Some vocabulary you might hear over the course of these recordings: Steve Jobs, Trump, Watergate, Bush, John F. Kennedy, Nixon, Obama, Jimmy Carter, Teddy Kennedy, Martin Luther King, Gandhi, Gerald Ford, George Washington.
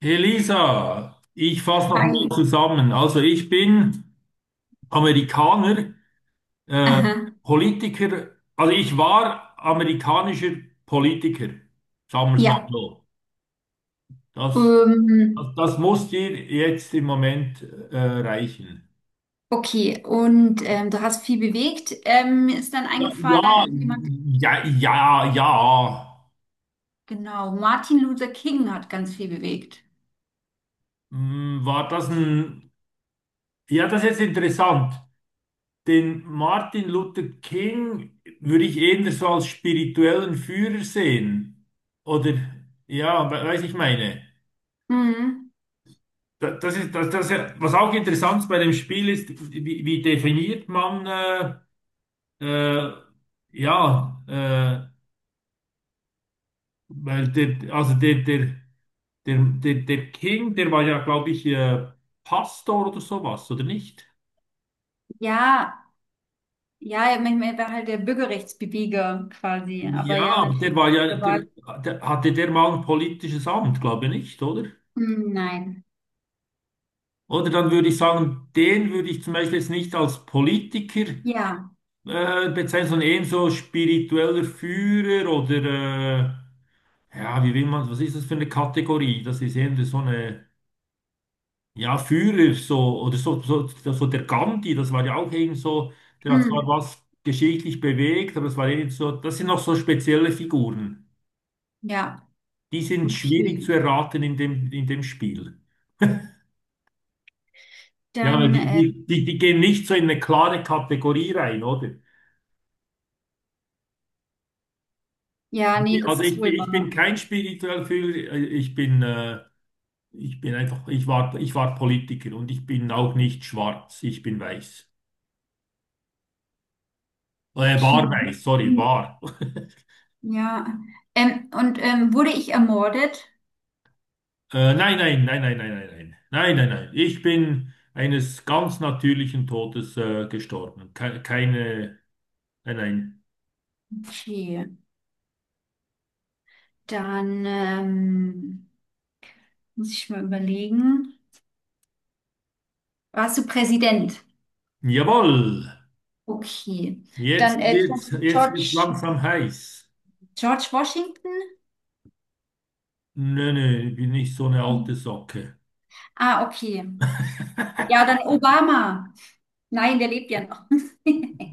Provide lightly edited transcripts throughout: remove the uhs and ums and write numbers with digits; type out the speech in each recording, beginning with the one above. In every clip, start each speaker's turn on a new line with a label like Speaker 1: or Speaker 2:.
Speaker 1: Elisa, ich fasse noch mal
Speaker 2: Hi.
Speaker 1: zusammen. Also ich bin Amerikaner, äh,
Speaker 2: Aha.
Speaker 1: Politiker, also ich war amerikanischer Politiker, sagen wir es mal
Speaker 2: Ja.
Speaker 1: so. Das,
Speaker 2: Ähm,
Speaker 1: das muss dir jetzt im Moment reichen.
Speaker 2: okay. Und du hast viel bewegt. Mir ist dann
Speaker 1: Ja,
Speaker 2: eingefallen, also jemand,
Speaker 1: ja, ja, ja, ja.
Speaker 2: genau, Martin Luther King hat ganz viel bewegt.
Speaker 1: Hm, war das ein... Ja, das ist jetzt interessant. Den Martin Luther King würde ich eher so als spirituellen Führer sehen. Oder, ja, weiß ich meine.
Speaker 2: Mhm.
Speaker 1: Das ist, das, was auch interessant bei dem Spiel ist, wie definiert man, äh, ja, äh, weil der, also der, der, der, der, der King, der war ja, glaube ich, Pastor oder sowas, oder nicht?
Speaker 2: Ja, ja, er war halt der Bürgerrechtsbeweger quasi. Aber
Speaker 1: Ja,
Speaker 2: ja,
Speaker 1: aber der
Speaker 2: natürlich.
Speaker 1: war ja,
Speaker 2: Der war,
Speaker 1: der hatte der mal ein politisches Amt, glaube ich nicht, oder?
Speaker 2: hm, nein.
Speaker 1: Oder dann würde ich sagen, den würde ich zum Beispiel jetzt nicht als Politiker
Speaker 2: Ja.
Speaker 1: bezeichnen, sondern eher so spiritueller Führer oder ja, wie will man, was ist das für eine Kategorie? Das ist eben so eine, ja, Führer, so, oder so der Gandhi, das war ja auch eben so, der hat zwar
Speaker 2: Hm,
Speaker 1: was geschichtlich bewegt, aber das war eben so, das sind noch so spezielle Figuren.
Speaker 2: ja.
Speaker 1: Die sind schwierig zu
Speaker 2: Okay.
Speaker 1: erraten in dem Spiel. Ja, weil
Speaker 2: Dann,
Speaker 1: die gehen nicht so in eine klare Kategorie rein, oder?
Speaker 2: ja, nee,
Speaker 1: Nee,
Speaker 2: das
Speaker 1: also
Speaker 2: ist wohl
Speaker 1: ich bin
Speaker 2: wahr.
Speaker 1: kein spiritueller Führer, ich bin einfach, ich war Politiker und ich bin auch nicht schwarz, ich bin weiß. War
Speaker 2: Okay.
Speaker 1: weiß, sorry,
Speaker 2: Hm,
Speaker 1: war.
Speaker 2: ja. Und wurde ich ermordet?
Speaker 1: Nein, nein, nein, nein, nein, nein, nein, nein, nein, nein. Ich bin eines ganz natürlichen Todes gestorben. Ke Keine, nein, nein.
Speaker 2: Okay. Dann muss ich mal überlegen. Warst du Präsident?
Speaker 1: Jawohl,
Speaker 2: Okay. Dann
Speaker 1: jetzt wird's
Speaker 2: George,
Speaker 1: langsam heiß.
Speaker 2: George Washington?
Speaker 1: Nö, nö, ich bin nicht so eine alte
Speaker 2: Mhm.
Speaker 1: Socke.
Speaker 2: Ah, okay. Ja, dann Obama. Nein, der lebt ja noch.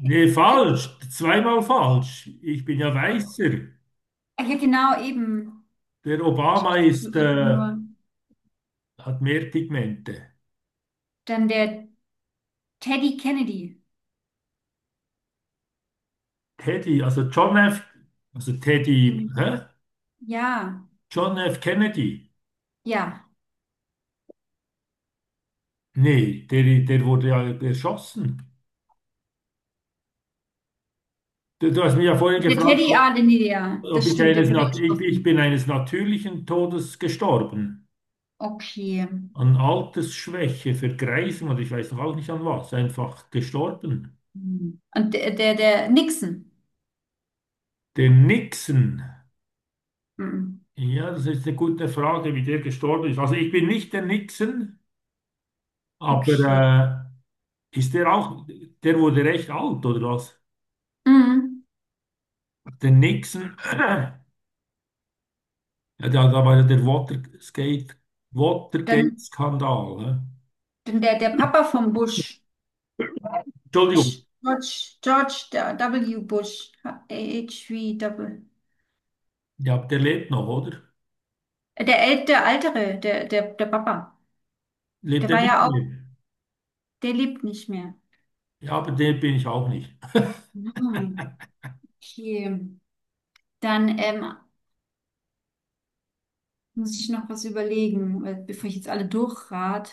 Speaker 1: Nee, falsch. Zweimal falsch. Ich bin ja weißer.
Speaker 2: Ah, ja, genau, eben.
Speaker 1: Der Obama
Speaker 2: Schaut
Speaker 1: ist,
Speaker 2: einfach nur.
Speaker 1: hat mehr Pigmente.
Speaker 2: Dann der Teddy Kennedy.
Speaker 1: Teddy, also John F., also Teddy,
Speaker 2: Den-
Speaker 1: hä?
Speaker 2: ja,
Speaker 1: John F. Kennedy.
Speaker 2: ja.
Speaker 1: Nee, der wurde ja erschossen. Du hast mich ja vorhin
Speaker 2: Der
Speaker 1: gefragt,
Speaker 2: Teddy,
Speaker 1: ob,
Speaker 2: ah, den, ja,
Speaker 1: ob
Speaker 2: das
Speaker 1: ich
Speaker 2: stimmt, der
Speaker 1: eines,
Speaker 2: wurde
Speaker 1: ich bin
Speaker 2: erschossen.
Speaker 1: eines natürlichen Todes gestorben.
Speaker 2: Okay.
Speaker 1: An Altersschwäche, Vergreisung und ich weiß noch auch nicht an was. Einfach gestorben.
Speaker 2: Hm. Und der Nixon.
Speaker 1: Der Nixon.
Speaker 2: Mhm.
Speaker 1: Ja, das ist eine gute Frage, wie der gestorben ist. Also ich bin nicht der Nixon,
Speaker 2: Okay.
Speaker 1: aber ist der auch, der wurde recht alt, oder was?
Speaker 2: Mhm.
Speaker 1: Der Nixon, ja, da war ja der Watergate,
Speaker 2: Dann,
Speaker 1: Watergate-Skandal. Hä?
Speaker 2: dann der Papa vom Bush. Bush,
Speaker 1: Entschuldigung,
Speaker 2: George der W. Bush. H-W. Double.
Speaker 1: ja, der lebt noch, oder?
Speaker 2: Der, äl- der Ältere, der Papa.
Speaker 1: Lebt
Speaker 2: Der
Speaker 1: er
Speaker 2: war
Speaker 1: nicht
Speaker 2: ja auch,
Speaker 1: mehr?
Speaker 2: der lebt nicht mehr.
Speaker 1: Ja, aber der bin ich auch nicht.
Speaker 2: Mhm. Okay. Dann muss ich noch was überlegen, weil- bevor ich jetzt alle durchrat.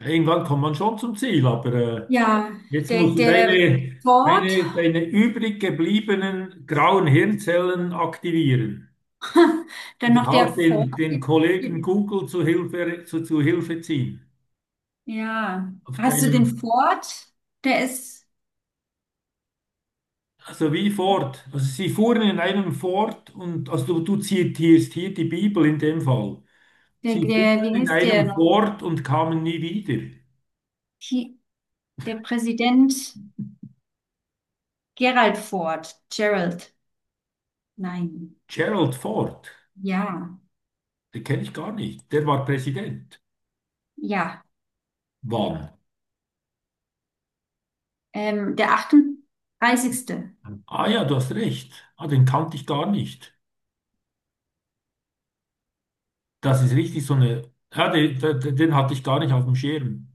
Speaker 1: Irgendwann kommt man schon zum Ziel, aber
Speaker 2: Ja,
Speaker 1: jetzt musst du
Speaker 2: der Ford.
Speaker 1: deine übrig gebliebenen grauen Hirnzellen aktivieren.
Speaker 2: Dann
Speaker 1: Oder
Speaker 2: noch der
Speaker 1: halt
Speaker 2: Ford.
Speaker 1: den Kollegen Google zu Hilfe, zu Hilfe ziehen.
Speaker 2: Ja.
Speaker 1: Auf
Speaker 2: Hast du den
Speaker 1: deinem,
Speaker 2: Ford? Der ist.
Speaker 1: also wie Ford. Also sie fuhren in einem Ford und, also du zitierst hier die Bibel in dem Fall. Sie fuhren
Speaker 2: Wie
Speaker 1: in
Speaker 2: heißt der
Speaker 1: einem
Speaker 2: noch?
Speaker 1: Ford und kamen nie wieder.
Speaker 2: Hi- Der Präsident Gerald Ford. Gerald. Nein.
Speaker 1: Gerald Ford,
Speaker 2: Ja.
Speaker 1: den kenne ich gar nicht. Der war Präsident.
Speaker 2: Ja.
Speaker 1: Wann?
Speaker 2: Der 38.
Speaker 1: Ah ja, du hast recht. Ah, den kannte ich gar nicht. Das ist richtig so eine. Ja, den den hatte ich gar nicht auf dem Schirm.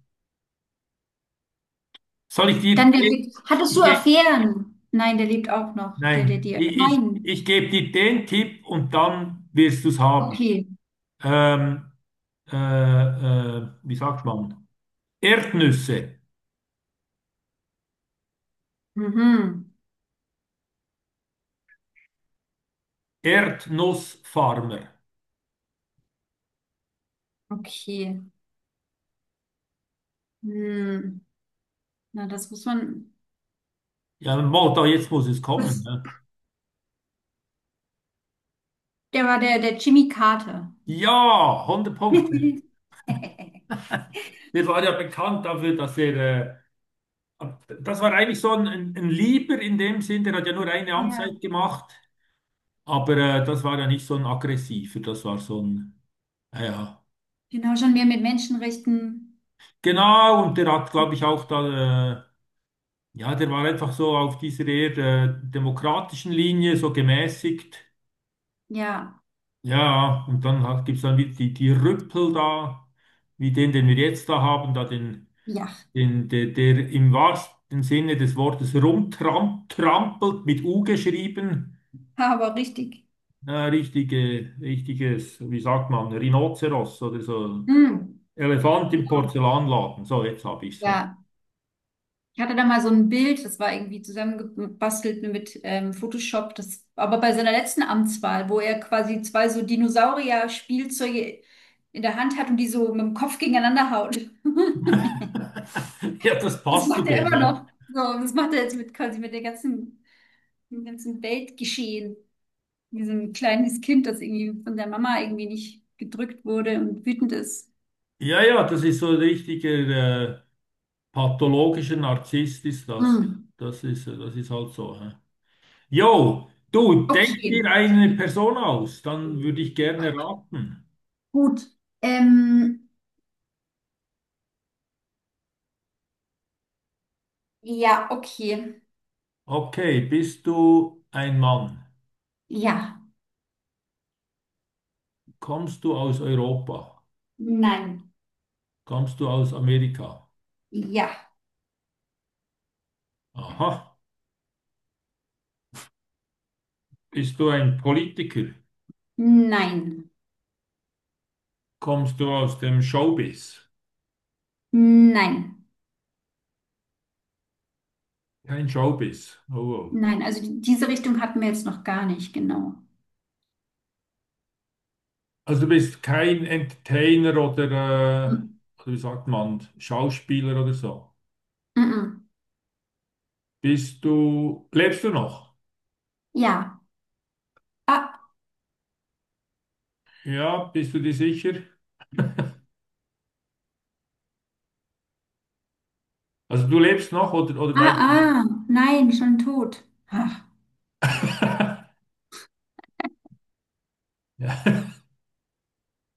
Speaker 1: Soll ich
Speaker 2: Dann
Speaker 1: dir,
Speaker 2: der, hattest du
Speaker 1: ich,
Speaker 2: Affären? Nein, der lebt auch noch.
Speaker 1: nein,
Speaker 2: Dir. Nein.
Speaker 1: ich gebe dir den Tipp und dann wirst du es haben.
Speaker 2: Okay.
Speaker 1: Ähm, wie sagt man? Erdnüsse.
Speaker 2: Mhm.
Speaker 1: Erdnussfarmer.
Speaker 2: Okay. Hm. Na, das muss man.
Speaker 1: Ja, mo, da jetzt muss es kommen.
Speaker 2: Das,
Speaker 1: Ne?
Speaker 2: der Jimmy Carter.
Speaker 1: Ja, 100 Punkte. Der war ja bekannt dafür, dass er. Äh, das war eigentlich so ein, ein Lieber in dem Sinn, der hat ja nur eine
Speaker 2: Ja,
Speaker 1: Amtszeit gemacht. Aber das war ja nicht so ein aggressiver, das war so ein. Ja, ja.
Speaker 2: genau, schon mehr mit Menschenrechten.
Speaker 1: Genau, und der hat, glaube ich, auch da. Ja, der war einfach so auf dieser eher demokratischen Linie, so gemäßigt.
Speaker 2: Ja,
Speaker 1: Ja, und dann hat, gibt's dann wieder die Rüppel da, wie den, den wir jetzt da haben, da den,
Speaker 2: ja,
Speaker 1: den der im wahrsten Sinne des Wortes rumtrampelt, mit U geschrieben.
Speaker 2: aber richtig.
Speaker 1: Richtige, richtiges, wie sagt man, Rhinoceros oder so.
Speaker 2: Hm.
Speaker 1: Elefant
Speaker 2: Ja,
Speaker 1: im Porzellanladen. So, jetzt hab ich's. Ja,
Speaker 2: ja. Ich hatte da mal so ein Bild, das war irgendwie zusammengebastelt mit Photoshop, das, aber bei seiner letzten Amtswahl, wo er quasi zwei so Dinosaurier-Spielzeuge in der Hand hat und die so mit dem Kopf gegeneinander haut.
Speaker 1: ja, das
Speaker 2: Das
Speaker 1: passt zu
Speaker 2: macht er
Speaker 1: dem.
Speaker 2: immer noch. So, das macht er jetzt mit quasi mit dem ganzen Weltgeschehen. Diesem kleines Kind, das irgendwie von der Mama irgendwie nicht gedrückt wurde und wütend ist.
Speaker 1: Ja, ja, das ist so ein richtiger. Pathologischer Narzisst ist das.
Speaker 2: Hm.
Speaker 1: Das ist halt so. Hä? Jo, du, denk dir
Speaker 2: Okay,
Speaker 1: eine Person aus, dann würde ich gerne raten.
Speaker 2: gut. Ähm, ja, okay.
Speaker 1: Okay, bist du ein Mann?
Speaker 2: Ja,
Speaker 1: Kommst du aus Europa?
Speaker 2: nein,
Speaker 1: Kommst du aus Amerika?
Speaker 2: ja,
Speaker 1: Aha. Bist du ein Politiker?
Speaker 2: nein,
Speaker 1: Kommst du aus dem Showbiz?
Speaker 2: nein,
Speaker 1: Kein Showbiz. Oh, oh.
Speaker 2: nein. Also die- diese Richtung hatten wir jetzt noch gar nicht, genau.
Speaker 1: Also du bist kein Entertainer äh,
Speaker 2: Mm,
Speaker 1: oder wie sagt man, Schauspieler oder so.
Speaker 2: mm, mm.
Speaker 1: Bist du, lebst du noch?
Speaker 2: Ja, ah,
Speaker 1: Ja, bist du dir sicher? Also du lebst noch oder
Speaker 2: ah,
Speaker 1: weißt
Speaker 2: ah, nein, schon tot. Ach.
Speaker 1: ja,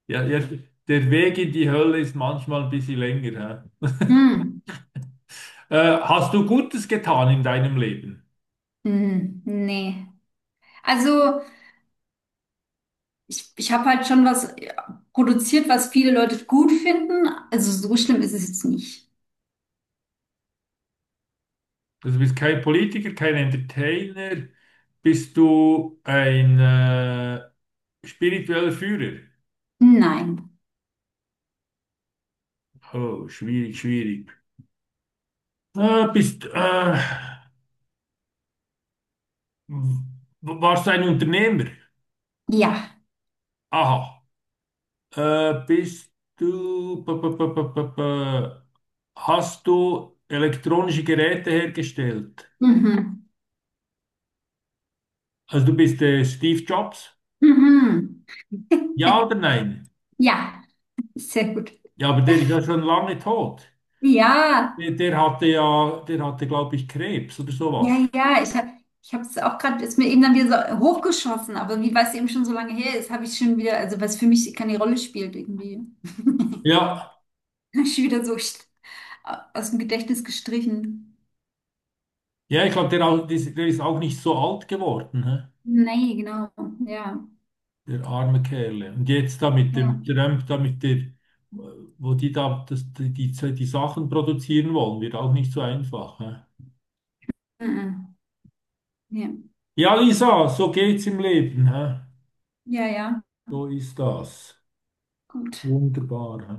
Speaker 1: ja, ja, der Weg in die Hölle ist manchmal ein bisschen länger.
Speaker 2: Mm,
Speaker 1: Hä? Hast du Gutes getan in deinem Leben?
Speaker 2: mm, nee. Also ich habe halt schon was ja, produziert, was viele Leute gut finden. Also so schlimm ist es jetzt nicht.
Speaker 1: Also du bist kein Politiker, kein Entertainer, bist du ein spiritueller Führer?
Speaker 2: Nein,
Speaker 1: Oh, schwierig, schwierig. Bist, warst du ein Unternehmer?
Speaker 2: ja,
Speaker 1: Aha. Bist du, hast du elektronische Geräte hergestellt?
Speaker 2: mhm,
Speaker 1: Also du bist Steve Jobs?
Speaker 2: mhm.
Speaker 1: Ja oder nein?
Speaker 2: Ja, sehr gut.
Speaker 1: Ja, aber der ist ja schon lange tot.
Speaker 2: Ja.
Speaker 1: Der hatte ja, der hatte, glaube ich, Krebs oder
Speaker 2: Ja,
Speaker 1: sowas.
Speaker 2: ja, ich es auch gerade, ist mir eben dann wieder so hochgeschossen, aber wie weil es eben schon so lange her ist, habe ich schon wieder, also was für mich keine Rolle spielt irgendwie,
Speaker 1: Ja,
Speaker 2: habe ich wieder so st- aus dem Gedächtnis gestrichen.
Speaker 1: ja, ich glaube, der ist auch nicht so alt geworden, hä?
Speaker 2: Nee, genau, ja,
Speaker 1: Der arme Kerle. Und jetzt da mit dem
Speaker 2: ja,
Speaker 1: Trump, da mit der, wo die da das, die Sachen produzieren wollen, wird auch nicht so einfach, hä?
Speaker 2: mhm. Ja,
Speaker 1: Ja, Lisa, so geht's im Leben. Hä?
Speaker 2: ja, ja,
Speaker 1: So ist das.
Speaker 2: gut.
Speaker 1: Wunderbar. Hä?